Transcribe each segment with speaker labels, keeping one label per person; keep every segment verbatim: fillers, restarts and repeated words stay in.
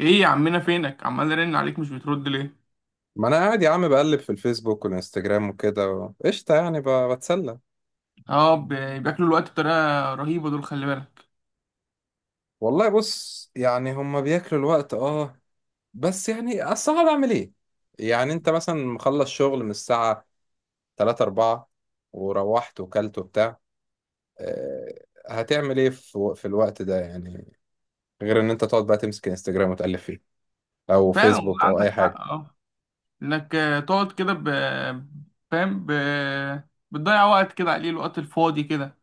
Speaker 1: ايه يا عمنا فينك عمال ارن عليك مش بترد ليه.
Speaker 2: ما انا قاعد يا عم بقلب في الفيسبوك والانستجرام وكده و- قشطه يعني ب- بتسلى.
Speaker 1: اه ب- بياكلوا الوقت بطريقه رهيبه دول، خلي بالك.
Speaker 2: والله بص يعني هما بياكلوا الوقت اه. بس يعني اصل أنا بعمل ايه؟ يعني انت مثلا مخلص شغل من الساعه ثلاثة اربعة وروحت وكلت وبتاع. آه، هتعمل ايه في في الوقت ده يعني؟ غير ان انت تقعد بقى تمسك انستجرام وتقلب فيه او
Speaker 1: فعلا والله
Speaker 2: فيسبوك او
Speaker 1: عندك
Speaker 2: اي
Speaker 1: حق.
Speaker 2: حاجه.
Speaker 1: اه، انك آه، تقعد كده ب... فاهم ب... بتضيع وقت كده عليه، الوقت الفاضي كده.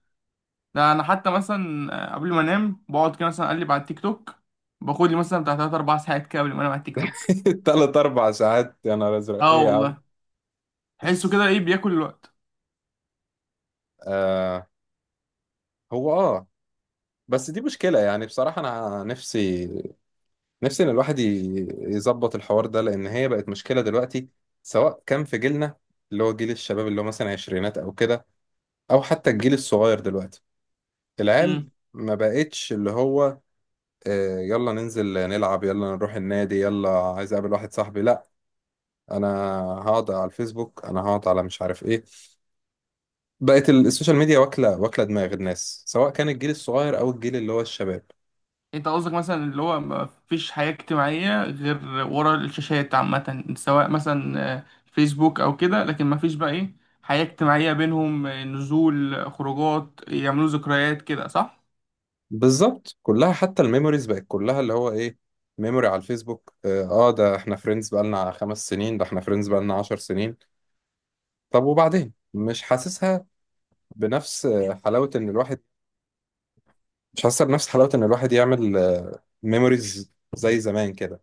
Speaker 1: ده انا حتى مثلا آه، قبل ما انام بقعد كده مثلا اقلب على التيك توك، باخد لي مثلا بتاع تلاتة أربعة ساعات كده قبل ما انام على التيك توك.
Speaker 2: تلات أربع ساعات، يا نهار ازرق،
Speaker 1: اه
Speaker 2: ايه يا عم؟
Speaker 1: والله، تحسه كده ايه بياكل الوقت.
Speaker 2: آه هو اه. بس دي مشكلة يعني، بصراحة أنا نفسي، نفسي ان الواحد ي- يظبط الحوار ده، لان هي بقت مشكله دلوقتي، سواء كان في جيلنا، اللي هو جيل الشباب، اللي هو مثلا عشرينات او كده، او حتى الجيل الصغير دلوقتي، العيال. ما بقتش اللي هو آه، يلا ننزل نلعب، يلا نروح النادي، يلا عايز اقابل واحد صاحبي. لا، انا هقعد على الفيسبوك، انا هقعد على مش عارف ايه. بقت ال- السوشيال ميديا واكله واكله دماغ الناس، سواء كان الجيل الصغير او الجيل اللي هو الشباب.
Speaker 1: انت قصدك مثلا اللي هو ما فيش حياة اجتماعية غير ورا الشاشات عامة، سواء مثلا آه، فيسبوك او كده، لكن ما فيش بقى ايه، حياة اجتماعية بينهم، آه، نزول، آه، خروجات، يعملوا ذكريات كده، صح؟
Speaker 2: بالظبط، كلها حتى الميموريز بقت كلها اللي هو ايه، ميموري على الفيسبوك، اه. آه، ده احنا فريندز بقالنا خمس سنين، ده احنا فريندز بقالنا عشر سنين. طب وبعدين مش حاسسها بنفس آه، حلاوة ان الواحد، مش حاسسها بنفس حلاوة ان الواحد يعمل آه، ميموريز زي زمان كده.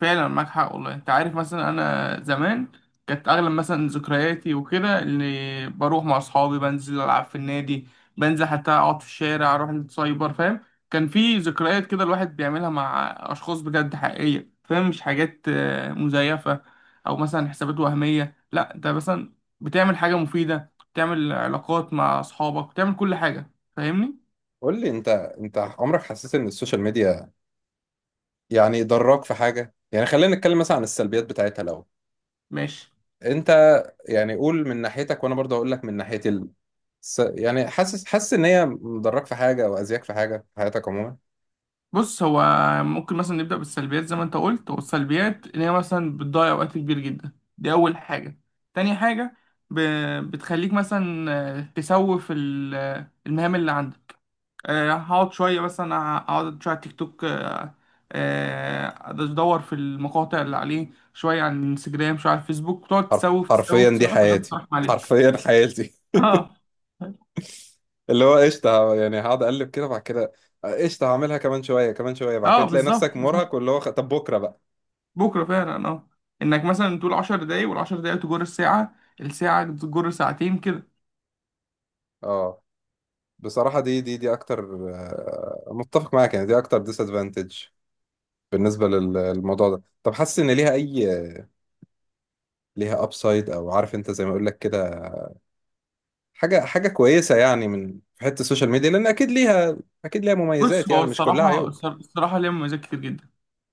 Speaker 1: فعلا معاك حق والله. انت عارف مثلا انا زمان كانت اغلب مثلا ذكرياتي وكده، اللي بروح مع اصحابي بنزل العب في النادي، بنزل حتى اقعد في الشارع، اروح السايبر، فاهم؟ كان في ذكريات كده الواحد بيعملها مع اشخاص بجد حقيقية، فاهم؟ مش حاجات آه، مزيفة او مثلا حسابات وهمية. لا، انت مثلا بتعمل حاجة مفيدة، بتعمل علاقات مع اصحابك، بتعمل كل حاجة. فاهمني؟
Speaker 2: قول لي انت انت عمرك حسيت ان السوشيال ميديا يعني ضراك في حاجة؟ يعني خلينا نتكلم مثلا عن السلبيات بتاعتها الاول.
Speaker 1: ماشي.
Speaker 2: انت يعني قول من ناحيتك وانا برضه هقول لك من ناحيتي. س... يعني حاسس حاسس ان هي مضرك في حاجه او اذياك في حاجه في حياتك عموما؟
Speaker 1: بص، هو ممكن مثلا نبدأ بالسلبيات زي ما انت قلت. والسلبيات ان هي مثلا بتضيع وقت كبير جدا، دي اول حاجة. تاني حاجة، ب... بتخليك مثلا آه، تسوف ال- آه، المهام اللي عندك. آه، هقعد شوية مثلا، اقعد شوية على التيك توك، آه، آه، ادور في المقاطع اللي عليه، شوية على الانستجرام، شوية على الفيسبوك، تقعد
Speaker 2: حرف...
Speaker 1: تسوف
Speaker 2: حرفيا
Speaker 1: تسوف
Speaker 2: دي
Speaker 1: تسوف لما
Speaker 2: حياتي،
Speaker 1: تروح عليك.
Speaker 2: حرفيا حياتي.
Speaker 1: اه
Speaker 2: اللي هو قشطه يعني، هقعد اقلب كده بعد كده، قشطه هعملها كمان شويه كمان شويه، بعد
Speaker 1: اه،
Speaker 2: كده تلاقي نفسك
Speaker 1: بالظبط بالظبط،
Speaker 2: مرهق، واللي هو خ- طب بكره بقى.
Speaker 1: بكرة فعلا. اه، انك مثلا تقول عشر دقايق، والعشر دقايق تجر الساعة، الساعة تجر ساعتين كده.
Speaker 2: اه بصراحه دي دي دي اكتر، آه، متفق معاك يعني، دي اكتر ديس ادفانتج بالنسبه لل- للموضوع ده. طب حاسس ان ليها اي، ليها ابسايد، او عارف انت زي ما اقول لك كده، حاجة حاجة كويسة يعني من في حتة السوشيال ميديا؟ لأن أكيد ليها، أكيد ليها
Speaker 1: بص،
Speaker 2: مميزات
Speaker 1: هو
Speaker 2: يعني، مش كلها
Speaker 1: الصراحة
Speaker 2: عيوب.
Speaker 1: الصراحة ليها مميزات كتير جدا.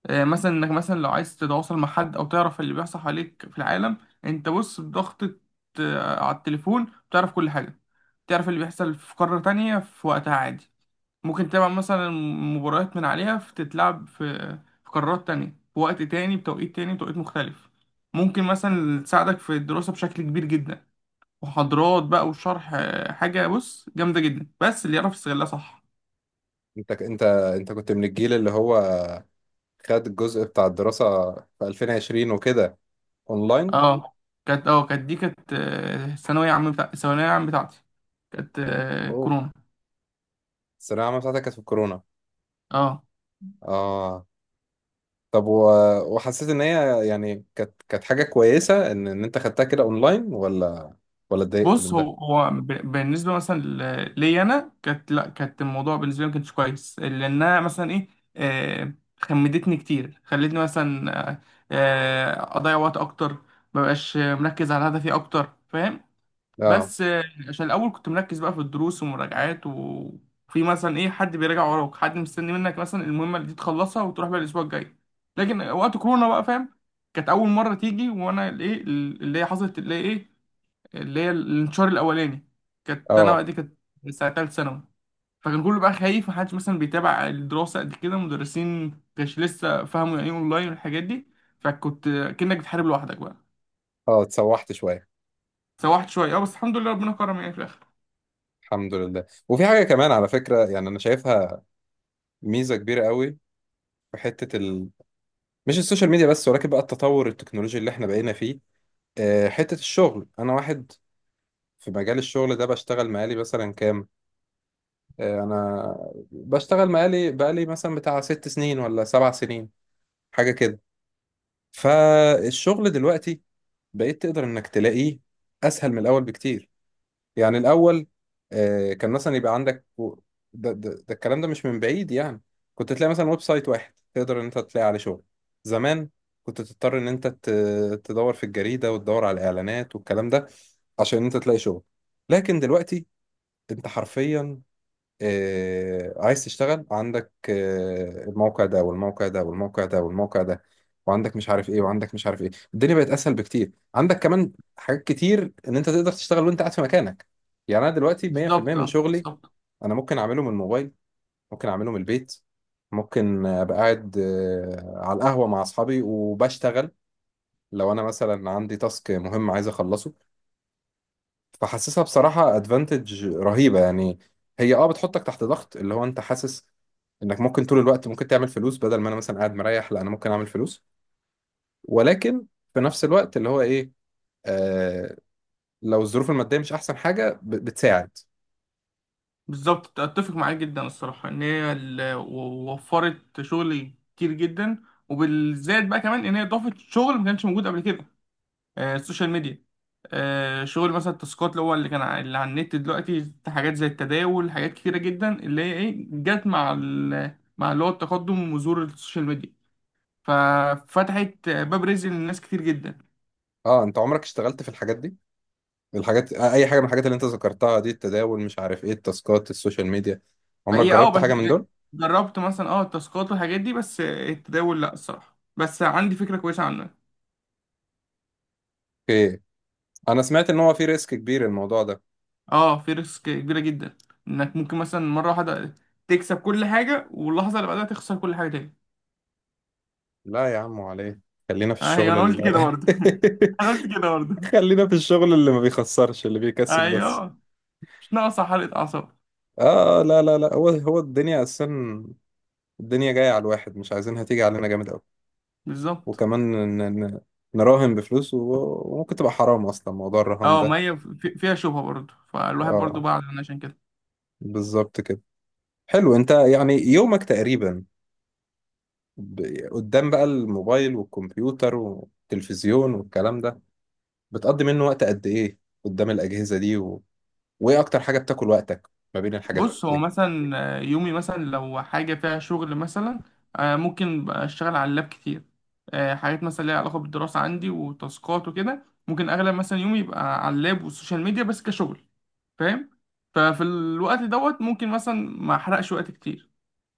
Speaker 1: آه، مثلا انك مثلا لو عايز تتواصل مع حد او تعرف اللي بيحصل حواليك في العالم، انت بص بضغطة آه، على التليفون بتعرف كل حاجة. تعرف اللي بيحصل في قارة تانية في وقتها عادي. ممكن تتابع مثلا مباريات من عليها في- تتلعب في في قارات تانية، في وقت تاني، بتوقيت تاني، بتوقيت مختلف. ممكن مثلا تساعدك في الدراسة بشكل كبير جدا، محاضرات بقى وشرح. آه، حاجة بص جامدة جدا، بس اللي يعرف يستغلها صح.
Speaker 2: أنت أنت أنت كنت من الجيل اللي هو خد الجزء بتاع الدراسة في ألفين وعشرين وكده أونلاين.
Speaker 1: اه، كانت اه، كانت دي كانت آه، ثانوية عام، بتاع ثانوية عام بتاعتي. كانت آه،
Speaker 2: أوف،
Speaker 1: كورونا.
Speaker 2: الثانوية العامة بتاعتك كانت في الكورونا؟
Speaker 1: اه.
Speaker 2: آه. طب و... وحسيت إن هي يعني كانت كانت حاجة كويسة إن إن أنت خدتها كده أونلاين، ولا ولا اتضايقت من
Speaker 1: بص،
Speaker 2: ده؟
Speaker 1: هو هو ب- بالنسبة مثلا ل- ليا أنا، كانت لا، كانت الموضوع بالنسبة لي ما كانش كويس، لأنها مثلا إيه، آه، خمدتني كتير، خلتني مثلا آه، آه، أضيع وقت أكتر، مبقاش مركز على هدفي أكتر. فاهم؟
Speaker 2: آه،
Speaker 1: بس آه، عشان الاول كنت مركز بقى في الدروس ومراجعات، وفي مثلا ايه، حد بيراجع وراك، حد مستني منك مثلا المهمه اللي دي تخلصها وتروح بقى الاسبوع الجاي. لكن وقت كورونا بقى، فاهم، كانت اول مره تيجي، وانا الايه اللي هي حصلت اللي هي ايه، اللي هي الانتشار الاولاني. كانت انا
Speaker 2: آه،
Speaker 1: بقى، دي كانت ساعه تالت ثانوي. فكان كله بقى خايف، محدش مثلا بيتابع الدراسه قد كده، مدرسين كانش لسه فاهموا يعني ايه اونلاين والحاجات دي. فكنت كأنك بتحارب لوحدك بقى.
Speaker 2: آه، اتسوحت شوية.
Speaker 1: سوحت شويه اه، بس الحمد لله ربنا كرم يعني في الاخر.
Speaker 2: الحمد لله. وفي حاجة كمان على فكرة يعني أنا شايفها ميزة كبيرة قوي، في حتة مش السوشيال ميديا بس، ولكن بقى التطور التكنولوجي اللي احنا بقينا فيه. آه، حتة الشغل، انا واحد في مجال الشغل ده بشتغل مقالي مثلا كام، آه، انا بشتغل مقالي بقالي مثلا بتاع ست سنين ولا سبع سنين، حاجة كده. فالشغل دلوقتي بقيت تقدر انك تلاقيه اسهل من الاول بكتير. يعني الأول آه، كان مثلا يبقى عندك و- ده, ده, ده الكلام ده مش من بعيد يعني، كنت تلاقي مثلا ويب سايت واحد تقدر إن أنت تلاقي عليه شغل. زمان كنت تضطر إن أنت ت- تدور في الجريدة وتدور على الإعلانات والكلام ده عشان أنت تلاقي شغل. لكن دلوقتي أنت حرفيا آه، عايز تشتغل، عندك آه، الموقع ده والموقع ده والموقع ده والموقع ده، وعندك مش عارف ايه، وعندك مش عارف ايه، الدنيا بقت اسهل بكتير، عندك كمان حاجات كتير ان انت تقدر تشتغل وانت قاعد في مكانك. يعني انا دلوقتي مية في المية
Speaker 1: بالظبط
Speaker 2: من
Speaker 1: اه،
Speaker 2: شغلي
Speaker 1: بالظبط
Speaker 2: انا ممكن اعمله من الموبايل، ممكن اعمله من البيت، ممكن ابقى قاعد آه، على القهوة مع اصحابي وبشتغل، لو انا مثلا عندي تاسك مهم عايز اخلصه. فحاسسها بصراحة ادفانتج رهيبة يعني. هي اه بتحطك تحت ضغط، اللي هو انت حاسس انك ممكن طول الوقت ممكن تعمل فلوس، بدل ما انا مثلا قاعد مريح، لا انا ممكن اعمل فلوس. ولكن في نفس الوقت اللي هو ايه، آه لو الظروف المادية مش احسن حاجة ب- بتساعد.
Speaker 1: بالظبط، اتفق معاك جدا الصراحه ان هي ال- و- وفرت شغل كتير جدا. وبالذات بقى كمان ان هي ضافت شغل ما كانش موجود قبل كده، آه، السوشيال ميديا. آه، شغل مثلا التاسكات، اللي هو اللي كان ع- اللي على النت دلوقتي، حاجات زي التداول، حاجات كتيره جدا اللي هي ايه، جت مع ال- مع اللي هو التقدم وظهور السوشيال ميديا. ففتحت باب رزق للناس كتير جدا.
Speaker 2: اه انت عمرك اشتغلت في الحاجات دي، الحاجات آه، اي حاجة من الحاجات اللي انت ذكرتها دي، التداول مش عارف ايه التاسكات السوشيال ميديا، عمرك
Speaker 1: هي اه،
Speaker 2: جربت
Speaker 1: بس
Speaker 2: حاجة من
Speaker 1: إيه،
Speaker 2: دول؟
Speaker 1: جربت مثلا اه التاسكات والحاجات دي، بس التداول لا، الصراحه بس عندي فكره كويسه عنه.
Speaker 2: اوكي. انا سمعت ان هو في ريسك كبير الموضوع ده.
Speaker 1: اه، في ريسك كبيرة جدا، انك ممكن مثلا مرة واحدة تكسب كل حاجة واللحظة اللي بعدها تخسر كل حاجة تاني.
Speaker 2: لا يا عم عليه، خلينا في
Speaker 1: ايوه،
Speaker 2: الشغل
Speaker 1: انا قلت
Speaker 2: ال
Speaker 1: كده برضه انا قلت كده برضه.
Speaker 2: خلينا في الشغل اللي ما بيخسرش، اللي بيكسب بس.
Speaker 1: ايوه، مش ناقصة حرقة اعصاب.
Speaker 2: اه آه، لا لا لا، هو هو الدنيا اساسا، الدنيا جايه على الواحد، مش عايزينها تيجي علينا جامد قوي.
Speaker 1: بالظبط.
Speaker 2: وكمان ن- ن- نراهن بفلوس و- وممكن تبقى حرام اصلا موضوع الرهان
Speaker 1: اه،
Speaker 2: ده.
Speaker 1: ما هي في- فيها شبهة برضه، فالواحد برضه
Speaker 2: اه
Speaker 1: بعد عن عشان كده.
Speaker 2: بالظبط كده. حلو، انت يعني يومك تقريبا ب- قدام بقى الموبايل والكمبيوتر والتلفزيون والكلام ده، بتقضي منه وقت قد ايه قدام الاجهزه دي؟ و... وايه اكتر حاجه بتاكل وقتك ما بين الحاجات؟
Speaker 1: بص، هو مثلا آه، يومي مثلا لو حاجة فيها شغل مثلا، آه، ممكن بقى اشتغل على اللاب كتير. آه، حاجات مثلا ليها علاقة بالدراسة عندي وتاسكات وكده، ممكن اغلب مثلا يومي يبقى على اللاب والسوشيال ميديا بس كشغل. فاهم؟ ففي الوقت دوت ممكن مثلا ما احرقش وقت كتير.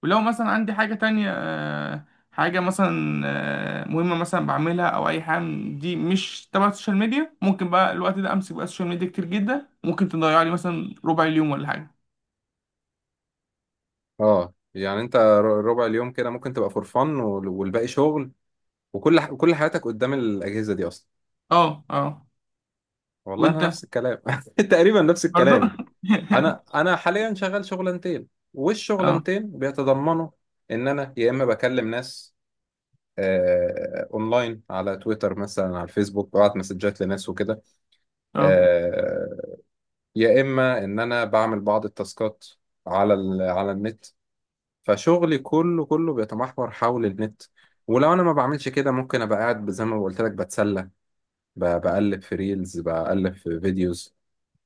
Speaker 1: ولو مثلا عندي حاجة تانية آه، حاجة مثلا آه، مهمة مثلا بعملها، أو أي حاجة من دي مش تبع السوشيال ميديا، ممكن بقى الوقت ده أمسك بقى السوشيال ميديا كتير جدا، ممكن تضيع لي مثلا ربع اليوم ولا حاجة.
Speaker 2: اه يعني انت ر- ربع اليوم كده ممكن تبقى فور فن والباقي شغل، وكل ح... كل حياتك قدام الاجهزه دي اصلا.
Speaker 1: اه اه.
Speaker 2: والله انا
Speaker 1: وانت
Speaker 2: نفس الكلام تقريبا نفس
Speaker 1: برضو
Speaker 2: الكلام. انا انا حاليا شغال شغلانتين،
Speaker 1: اه
Speaker 2: والشغلانتين بيتضمنوا ان انا يا اما بكلم ناس آه، اونلاين على تويتر مثلا على الفيسبوك، ببعت مسجات لناس وكده،
Speaker 1: اه.
Speaker 2: آه، يا اما ان انا بعمل بعض التاسكات على ال... على النت. فشغلي كله كله بيتمحور حول النت. ولو انا ما بعملش كده ممكن ابقى قاعد زي ما قلت لك بتسلى، ب- بقلب في ريلز، بقلب في فيديوز،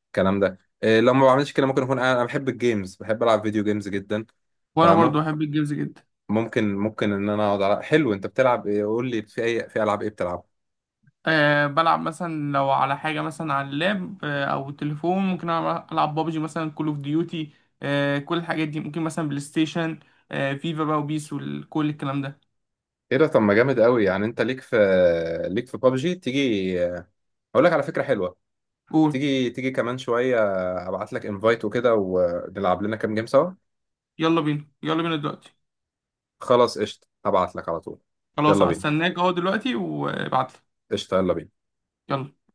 Speaker 2: الكلام ده. إيه، لو ما بعملش كده ممكن اكون قاعد، انا بحب الجيمز، بحب العب فيديو جيمز جدا.
Speaker 1: وانا
Speaker 2: فاهمه.
Speaker 1: برضو بحب الجيمز جدا.
Speaker 2: ممكن ممكن ان انا اقعد على، حلو انت بتلعب ايه؟ قول لي في اي، في العاب ايه بتلعب؟
Speaker 1: أه، بلعب مثلا لو على حاجة مثلا على اللاب، أه أو التليفون، ممكن ألعب، ألعب بابجي مثلا، كول أوف ديوتي، أه كل الحاجات دي. ممكن مثلا بلاي ستيشن، أه فيفا بقى وبيس وكل الكلام ده.
Speaker 2: ايه ده؟ طب ما جامد قوي يعني، انت ليك في، ليك في بابجي؟ تيجي اقول لك على فكرة حلوة،
Speaker 1: قول.
Speaker 2: تيجي تيجي كمان شوية ابعت لك انفايت وكده ونلعب لنا كام جيم سوا.
Speaker 1: يلا بينا، يلا بينا دلوقتي.
Speaker 2: خلاص قشطة، هبعت لك على طول.
Speaker 1: خلاص،
Speaker 2: يلا بينا،
Speaker 1: هستناك أهو دلوقتي وابعتلي.
Speaker 2: قشطة يلا بينا.
Speaker 1: يلا.